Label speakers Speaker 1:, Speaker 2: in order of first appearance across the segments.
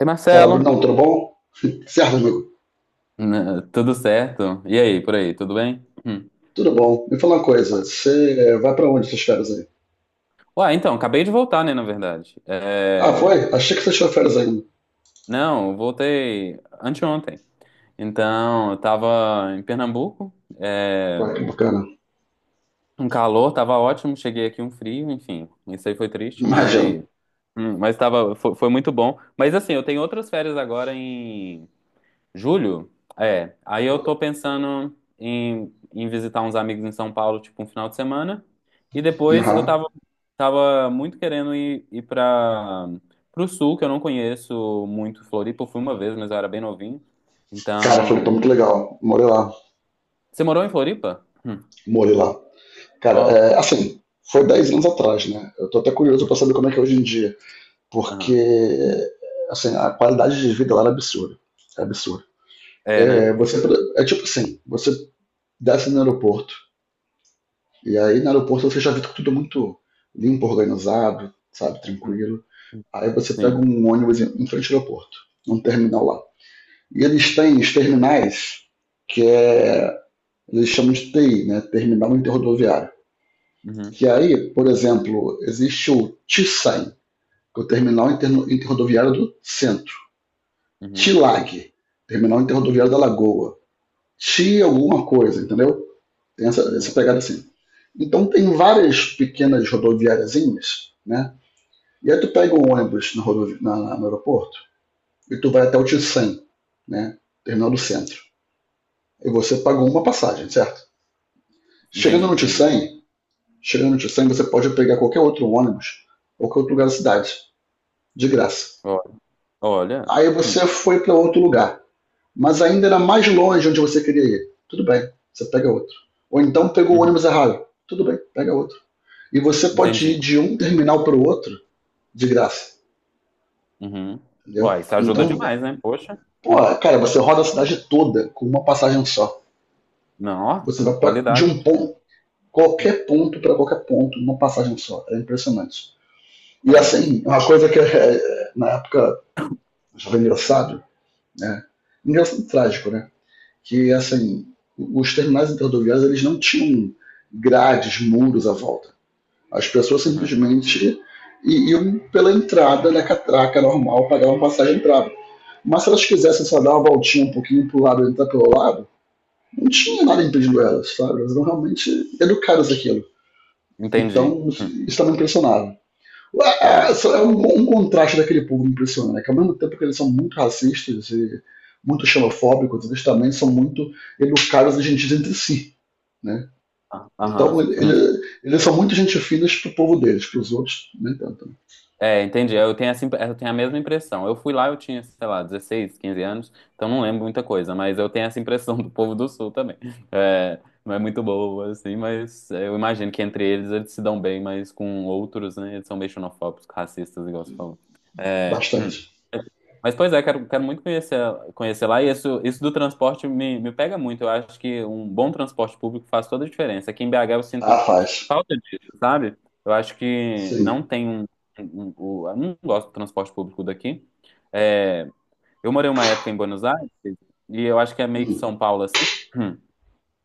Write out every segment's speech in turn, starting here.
Speaker 1: E
Speaker 2: Fala,
Speaker 1: Marcelo,
Speaker 2: Brunão, tudo bom? Certo, amigo.
Speaker 1: né, tudo certo? E aí, por aí, tudo bem? Hum.
Speaker 2: Tudo bom. Me fala uma coisa, você vai pra onde essas férias aí?
Speaker 1: Ué, então, acabei de voltar, né, na verdade.
Speaker 2: Ah, foi?
Speaker 1: É,
Speaker 2: Achei que você tirou férias ainda.
Speaker 1: não, eu voltei anteontem. Então, eu tava em Pernambuco, é,
Speaker 2: Vai, que bacana.
Speaker 1: um calor, tava ótimo, cheguei aqui um frio, enfim, isso aí foi triste,
Speaker 2: Imagino.
Speaker 1: mas, foi muito bom. Mas assim, eu tenho outras férias agora. Julho? É. Aí eu tô pensando em visitar uns amigos em São Paulo, tipo, um final de semana. E depois eu
Speaker 2: Aham.
Speaker 1: tava, tava muito querendo ir pra, pro sul, que eu não conheço muito Floripa. Eu fui uma vez, mas eu era bem novinho.
Speaker 2: Cara, foi
Speaker 1: Então.
Speaker 2: muito legal. Morei lá.
Speaker 1: Você morou em Floripa? Hum.
Speaker 2: Morei lá. Cara,
Speaker 1: Ó.
Speaker 2: é, assim, foi 10 anos atrás, né? Eu tô até curioso pra
Speaker 1: Uhum.
Speaker 2: saber como é que é hoje em dia.
Speaker 1: Aham.
Speaker 2: Porque, assim, a qualidade de vida lá era absurda. É absurda.
Speaker 1: É, né?
Speaker 2: É, você, é tipo assim, você desce no aeroporto. E aí no aeroporto você já vê tudo muito limpo, organizado, sabe,
Speaker 1: Uhum.
Speaker 2: tranquilo. Aí você pega
Speaker 1: Sim.
Speaker 2: um ônibus em frente ao aeroporto, um terminal lá. E eles têm os terminais que é, eles chamam de TI, né, Terminal Interrodoviário.
Speaker 1: Uhum.
Speaker 2: Que aí, por exemplo, existe o t TISAM, que é o Terminal Interrodoviário do Centro. T
Speaker 1: Uhum.
Speaker 2: TILAG, Terminal Interrodoviário da Lagoa. T alguma coisa, entendeu? Tem essa
Speaker 1: Uhum.
Speaker 2: pegada assim. Então tem várias pequenas rodoviáriazinhas, né? E aí tu pega um ônibus no aeroporto e tu vai até o Tissan, né? Terminal do centro. E você pagou uma passagem, certo? Chegando
Speaker 1: Entendi,
Speaker 2: no
Speaker 1: entendi.
Speaker 2: Tissan, chegando no Tissan, você pode pegar qualquer outro ônibus, qualquer outro lugar da cidade, de graça.
Speaker 1: Ó, olha.
Speaker 2: Aí você
Speaker 1: Hum.
Speaker 2: foi para outro lugar, mas ainda era mais longe onde você queria ir. Tudo bem, você pega outro. Ou então pegou o
Speaker 1: Uhum.
Speaker 2: ônibus errado. Tudo bem, pega outro. E você pode ir
Speaker 1: Entendi.
Speaker 2: de um terminal para o outro de graça,
Speaker 1: Uhum.
Speaker 2: entendeu?
Speaker 1: Ó, isso ajuda
Speaker 2: Então,
Speaker 1: demais, né? Poxa.
Speaker 2: pô,
Speaker 1: Hum.
Speaker 2: cara, você roda a cidade toda com uma passagem só.
Speaker 1: Não,
Speaker 2: Você
Speaker 1: ó,
Speaker 2: vai pra, de
Speaker 1: qualidade.
Speaker 2: um ponto,
Speaker 1: Hum.
Speaker 2: qualquer ponto para qualquer ponto, numa passagem só. É impressionante. E
Speaker 1: É.
Speaker 2: assim, uma coisa que é, na época já foi engraçado, né? Engraçado e trágico, né? Que assim, os terminais interrodoviários eles não tinham grades, muros à volta. As pessoas
Speaker 1: Uhum.
Speaker 2: simplesmente iam pela entrada da catraca normal, pagavam passagem e entravam. Mas se elas quisessem só dar uma voltinha um pouquinho pro lado e entrar pelo lado, não tinha nada impedindo elas, sabe? Elas eram realmente educadas aquilo.
Speaker 1: Entendi.
Speaker 2: Então,
Speaker 1: Hum.
Speaker 2: isso estava impressionava.
Speaker 1: É.
Speaker 2: É um contraste daquele povo impressionante, né? Que ao mesmo tempo que eles são muito racistas e muito xenofóbicos, eles também são muito educados e gentis entre si. Né?
Speaker 1: Ah,
Speaker 2: Então,
Speaker 1: aham.
Speaker 2: ele,
Speaker 1: Hum.
Speaker 2: ele, eles são muito gente finas pro povo deles, pros outros, nem tanto.
Speaker 1: É, entendi. Eu tenho essa, eu tenho a mesma impressão. Eu fui lá, eu tinha, sei lá, 16, 15 anos, então não lembro muita coisa, mas eu tenho essa impressão do povo do Sul também. É, não é muito boa, assim, mas eu imagino que entre eles eles se dão bem, mas com outros, né, eles são meio xenofóbicos, racistas, igual você falou. É.
Speaker 2: Bastante.
Speaker 1: Mas, pois é, quero muito conhecer, conhecer lá. E isso do transporte me pega muito. Eu acho que um bom transporte público faz toda a diferença. Aqui em BH eu
Speaker 2: Ah,
Speaker 1: sinto
Speaker 2: faz.
Speaker 1: falta disso, sabe? Eu acho que não
Speaker 2: Sim.
Speaker 1: tem um. Eu não gosto do transporte público daqui. É, eu morei uma época em Buenos Aires, e eu acho que é meio que
Speaker 2: Hum.
Speaker 1: São Paulo assim,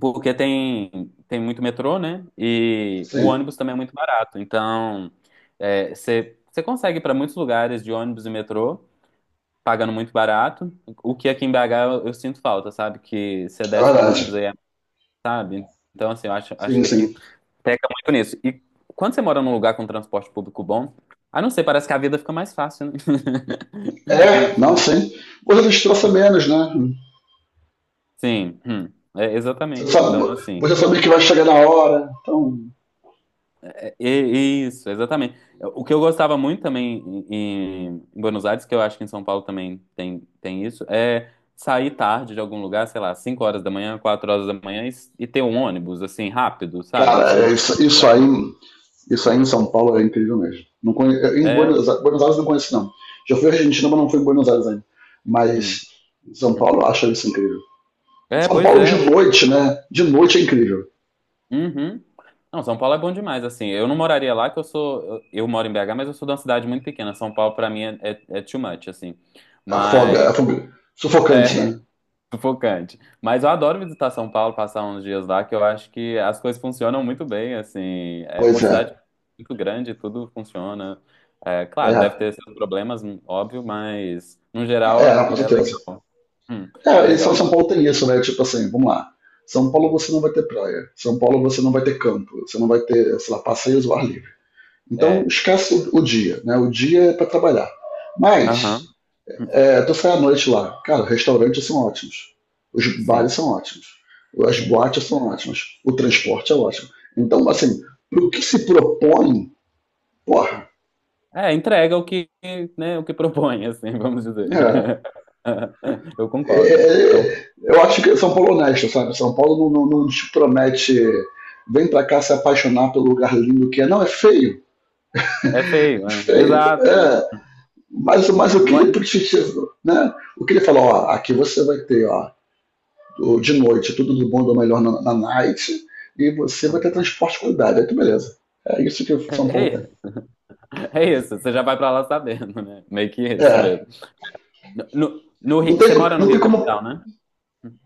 Speaker 1: porque tem, tem muito metrô, né? E o
Speaker 2: Sim.
Speaker 1: ônibus também é muito barato. Então, é, você consegue ir para muitos lugares de ônibus e metrô pagando muito barato. O que aqui em BH eu sinto falta, sabe? Que você
Speaker 2: É
Speaker 1: desce de um ônibus
Speaker 2: verdade.
Speaker 1: aí, é, sabe? Então, assim, eu acho, acho
Speaker 2: Sim,
Speaker 1: que aqui
Speaker 2: sim.
Speaker 1: peca muito nisso. E quando você mora num lugar com transporte público bom, ah, não sei, parece que a vida fica mais fácil, né?
Speaker 2: É, não,
Speaker 1: Não.
Speaker 2: sim. Você destroça menos, né? Hum.
Speaker 1: Sim, é,
Speaker 2: Você
Speaker 1: exatamente.
Speaker 2: sabe,
Speaker 1: Então, assim.
Speaker 2: você sabe que vai chegar na hora. Então,
Speaker 1: Isso, exatamente. O que eu gostava muito também em Buenos Aires, que eu acho que em São Paulo também tem, tem isso, é sair tarde de algum lugar, sei lá, 5 horas da manhã, 4 horas da manhã, e ter um ônibus, assim, rápido, sabe? Que você
Speaker 2: cara,
Speaker 1: não
Speaker 2: é
Speaker 1: vai ter que
Speaker 2: isso, isso
Speaker 1: esperar
Speaker 2: aí.
Speaker 1: muito.
Speaker 2: Isso aí em São Paulo é incrível mesmo. Não conhe... Em
Speaker 1: É,
Speaker 2: Buenos Aires, Buenos Aires eu não conheço, não. Já fui à Argentina, mas não fui em Buenos Aires ainda.
Speaker 1: uhum.
Speaker 2: Mas em São Paulo eu acho isso incrível.
Speaker 1: É,
Speaker 2: São
Speaker 1: pois
Speaker 2: Paulo de
Speaker 1: é.
Speaker 2: noite, né? De noite é incrível.
Speaker 1: Uhum. Não, São Paulo é bom demais, assim. Eu não moraria lá, que eu sou. Eu moro em BH, mas eu sou de uma cidade muito pequena. São Paulo, pra mim, é too much, assim.
Speaker 2: A foga,
Speaker 1: Mas.
Speaker 2: a sufocante, né?
Speaker 1: É, sufocante. Mas eu adoro visitar São Paulo, passar uns dias lá, que eu acho que as coisas funcionam muito bem, assim. É
Speaker 2: Pois
Speaker 1: uma
Speaker 2: é.
Speaker 1: cidade muito grande, tudo funciona. É, claro, deve
Speaker 2: É,
Speaker 1: ter seus problemas, óbvio, mas no geral é,
Speaker 2: é, com
Speaker 1: é
Speaker 2: certeza.
Speaker 1: legal. Hum, é
Speaker 2: É, e
Speaker 1: legal
Speaker 2: São São
Speaker 1: de.
Speaker 2: Paulo tem isso, né? Tipo assim, vamos lá. São Paulo você não vai ter praia. São Paulo você não vai ter campo. Você não vai ter, sei lá, passeios ao ar livre. Então
Speaker 1: É.
Speaker 2: esquece o dia, né? O dia é para trabalhar. Mas
Speaker 1: Aham. Hum,
Speaker 2: é, tu sai à noite lá, cara, restaurantes são ótimos. Os bares
Speaker 1: sim,
Speaker 2: são ótimos. As
Speaker 1: sim,
Speaker 2: boates são ótimas. O
Speaker 1: sim.
Speaker 2: transporte é ótimo. Então,
Speaker 1: É.
Speaker 2: assim, pro que se propõe, porra,
Speaker 1: É, entrega o que, né, o que propõe, assim, vamos dizer.
Speaker 2: né?
Speaker 1: Eu
Speaker 2: é,
Speaker 1: concordo. Então,
Speaker 2: é, eu acho que São Paulo é honesto, sabe? São Paulo não te promete vem pra cá se apaixonar pelo lugar lindo que é. Não, é feio.
Speaker 1: é
Speaker 2: É
Speaker 1: feio, né?
Speaker 2: feio.
Speaker 1: Exato.
Speaker 2: É. Mas o que
Speaker 1: Não é...
Speaker 2: ele precisa, né? O que ele falou, ó, aqui você vai ter, ó,
Speaker 1: hum,
Speaker 2: de noite, tudo do bom do melhor na night, e você vai
Speaker 1: hum.
Speaker 2: ter transporte de qualidade. Aí tu beleza. É isso que São
Speaker 1: É
Speaker 2: Paulo tem.
Speaker 1: isso. É isso, você já vai pra lá sabendo, né? Meio que isso
Speaker 2: É.
Speaker 1: mesmo. No, no
Speaker 2: Não
Speaker 1: Rio,
Speaker 2: tem,
Speaker 1: você mora no
Speaker 2: não tem
Speaker 1: Rio
Speaker 2: como
Speaker 1: Capital, né?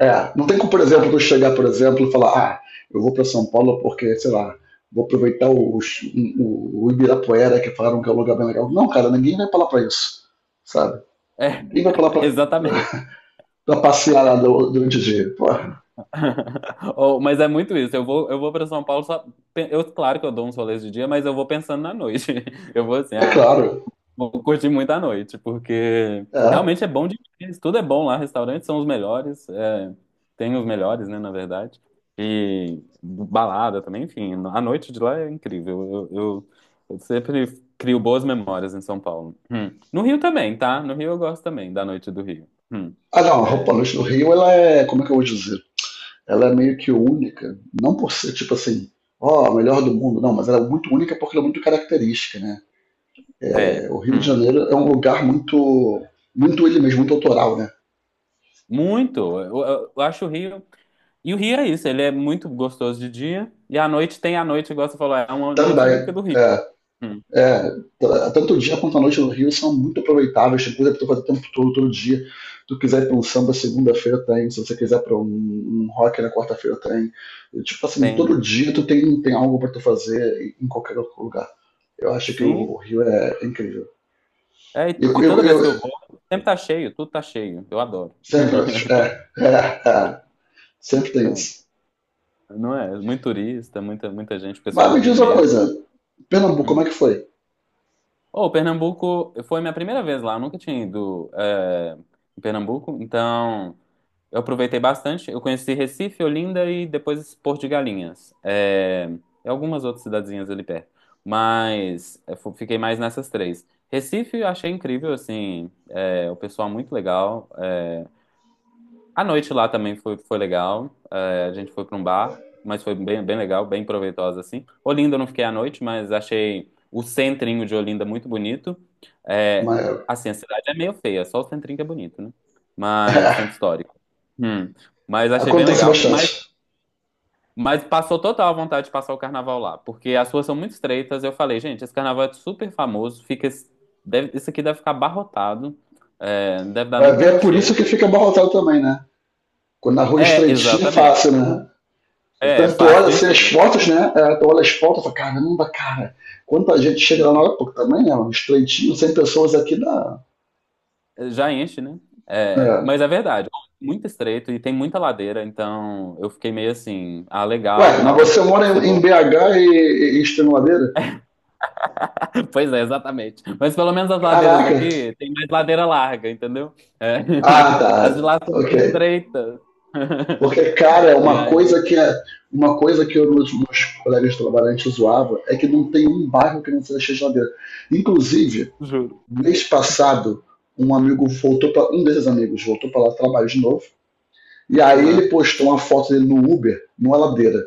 Speaker 2: É, não tem como, por
Speaker 1: Ah,
Speaker 2: exemplo, eu
Speaker 1: tá.
Speaker 2: chegar, por exemplo, e falar, ah, eu vou para São Paulo porque, sei lá, vou aproveitar o Ibirapuera, que falaram que é um lugar bem legal. Não, cara, ninguém vai pra lá pra isso, sabe?
Speaker 1: É,
Speaker 2: Ninguém vai pra lá pra,
Speaker 1: exatamente.
Speaker 2: pra passear lá durante o dia. Porra,
Speaker 1: Oh, mas é muito isso. Eu vou para São Paulo só. Eu, claro que eu dou uns rolês de dia, mas eu vou pensando na noite. Eu vou assim,
Speaker 2: é
Speaker 1: ah,
Speaker 2: claro,
Speaker 1: vou curtir muito a noite, porque
Speaker 2: é.
Speaker 1: realmente é bom demais. Tudo é bom lá, restaurantes são os melhores, é, tem os melhores, né, na verdade. E balada também, enfim, a noite de lá é incrível. Eu, eu- eu sempre crio boas memórias em São Paulo. Hum. No Rio também, tá? No Rio eu gosto também da noite do Rio. Hum.
Speaker 2: Ah, não, a Roupa
Speaker 1: É,
Speaker 2: Noite do Rio, ela é, como é que eu vou dizer? Ela é meio que única, não por ser, tipo assim, ó, a melhor do mundo, não, mas ela é muito única porque ela é muito característica, né? É,
Speaker 1: é,
Speaker 2: o Rio de Janeiro é um lugar muito, muito ele mesmo, muito autoral, né?
Speaker 1: muito. Eu acho o Rio. E o Rio é isso, ele é muito gostoso de dia, e à noite tem a noite, igual você falou, é uma noite única
Speaker 2: Também.
Speaker 1: do Rio.
Speaker 2: É,
Speaker 1: Hum.
Speaker 2: é,
Speaker 1: Hum.
Speaker 2: t- tanto o dia quanto a noite no Rio são muito aproveitáveis, tem coisa pra tu fazer o tempo todo, todo dia. Se tu quiser ir pra um samba segunda-feira tem, se você quiser pra um rock na quarta-feira tem. E, tipo assim,
Speaker 1: Tem, né?
Speaker 2: todo dia tu tem algo pra tu fazer em qualquer outro lugar. Eu acho que
Speaker 1: Sim.
Speaker 2: o Rio é incrível.
Speaker 1: É, e,
Speaker 2: eu,
Speaker 1: e
Speaker 2: eu-
Speaker 1: toda vez
Speaker 2: eu
Speaker 1: que eu vou, sempre tá cheio, tudo tá cheio. Eu adoro.
Speaker 2: sempre acho, sempre tem isso.
Speaker 1: Não é? Muito turista, muita, muita gente, pessoal
Speaker 2: Mas
Speaker 1: do
Speaker 2: me diz
Speaker 1: Rio
Speaker 2: uma
Speaker 1: mesmo.
Speaker 2: coisa, Pernambuco, como é
Speaker 1: Hum.
Speaker 2: que foi?
Speaker 1: Oh, Pernambuco foi minha primeira vez lá, eu nunca tinha ido é, em Pernambuco, então eu aproveitei bastante. Eu conheci Recife, Olinda e depois Porto de Galinhas. É, e algumas outras cidadezinhas ali perto. Mas eu fiquei mais nessas três. Recife eu achei incrível, assim, é, o pessoal muito legal. A noite lá também foi, foi legal. É, a gente foi para um bar, mas foi bem, bem legal, bem proveitosa assim. Olinda eu não fiquei à noite, mas achei o centrinho de Olinda muito bonito. É,
Speaker 2: Mas,
Speaker 1: assim, a cidade é meio feia, só o centrinho que é bonito, né? Mas o centro histórico. Hum. Mas achei bem
Speaker 2: acontece
Speaker 1: legal.
Speaker 2: bastante.
Speaker 1: Mas passou total a vontade de passar o carnaval lá, porque as ruas são muito estreitas. Eu falei, gente, esse carnaval é super famoso, fica, deve, isso aqui deve ficar abarrotado, é, não deve dar nem
Speaker 2: Vai
Speaker 1: para
Speaker 2: ver, é por isso
Speaker 1: mexer.
Speaker 2: que fica abarrotado também, né? Quando na rua
Speaker 1: É,
Speaker 2: estreitinha é
Speaker 1: exatamente.
Speaker 2: fácil, né?
Speaker 1: É, é
Speaker 2: Portanto, tu
Speaker 1: fácil
Speaker 2: olha
Speaker 1: de
Speaker 2: assim, as
Speaker 1: encher, né?
Speaker 2: fotos, né? É, tu olha as fotos e fala, caramba, cara, quanta gente chega lá na hora, pô, também é um estreitinho, 100 pessoas aqui na.
Speaker 1: Já enche, né? É,
Speaker 2: É.
Speaker 1: mas é verdade, muito estreito e tem muita ladeira, então eu fiquei meio assim, ah, legal,
Speaker 2: Ué, mas
Speaker 1: tal, deve
Speaker 2: você
Speaker 1: ser
Speaker 2: mora
Speaker 1: bom.
Speaker 2: em BH e Extremadeira?
Speaker 1: Pois é, exatamente. Mas pelo menos as ladeiras
Speaker 2: Caraca!
Speaker 1: daqui tem mais ladeira larga, entendeu? É.
Speaker 2: Ah,
Speaker 1: As de
Speaker 2: tá.
Speaker 1: lá são
Speaker 2: Ok.
Speaker 1: mais estreitas.
Speaker 2: Porque, cara,
Speaker 1: E
Speaker 2: uma
Speaker 1: aí,
Speaker 2: coisa que é. Uma coisa que meus colegas de trabalho a gente zoava é que não tem um bairro que não seja cheio de. Inclusive,
Speaker 1: juro.
Speaker 2: mês passado, um amigo voltou para um desses amigos voltou para lá trabalho de novo. E aí ele
Speaker 1: Aham.
Speaker 2: postou uma foto dele no Uber, numa ladeira.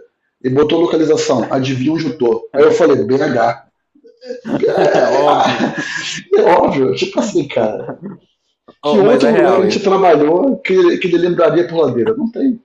Speaker 2: E botou localização, adivinha onde eu tô. Aí eu falei, BH. É, é
Speaker 1: Óbvio.
Speaker 2: é, óbvio, tipo assim, cara. Que
Speaker 1: Oh, mas
Speaker 2: outro
Speaker 1: é
Speaker 2: lugar que
Speaker 1: real
Speaker 2: a gente trabalhou que ele lembraria por ladeira? Não tem.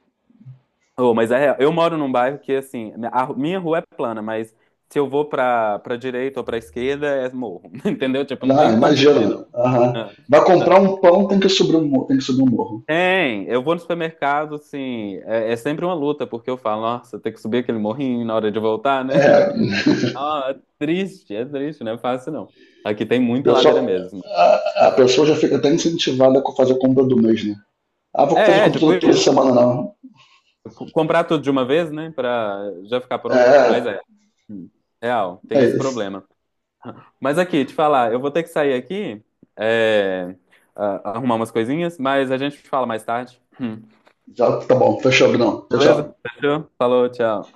Speaker 1: Oh, mas é, real. Eu moro num bairro que, assim, a minha rua é plana, mas se eu vou pra direita ou pra esquerda, é morro, entendeu? Tipo, não
Speaker 2: Ah,
Speaker 1: tem como
Speaker 2: imagina.
Speaker 1: fugir, não.
Speaker 2: Aham.
Speaker 1: Ah,
Speaker 2: Vai
Speaker 1: ah,
Speaker 2: comprar um pão, tem que subir um morro.
Speaker 1: Tem, eu vou no supermercado, assim, é, é sempre uma luta, porque eu falo, nossa, tem que subir aquele morrinho na hora de voltar, né?
Speaker 2: É.
Speaker 1: Ah, é triste, não é fácil, não. Aqui tem
Speaker 2: A
Speaker 1: muita ladeira
Speaker 2: pessoa,
Speaker 1: mesmo.
Speaker 2: a pessoa já fica até incentivada a fazer a compra do mês, né? Ah, vou fazer
Speaker 1: É, é, tipo
Speaker 2: computador toda
Speaker 1: isso.
Speaker 2: semana, não.
Speaker 1: Comprar tudo de uma vez, né, pra já ficar pronto, mas
Speaker 2: É,
Speaker 1: é. Hum, Real, tem
Speaker 2: é
Speaker 1: esse
Speaker 2: isso.
Speaker 1: problema. Mas aqui, te falar, eu vou ter que sair aqui, é, arrumar umas coisinhas, mas a gente fala mais tarde. Hum.
Speaker 2: Já tá bom, fechou, Bruno. Tchau,
Speaker 1: Beleza?
Speaker 2: tchau.
Speaker 1: Fechou? Falou, tchau.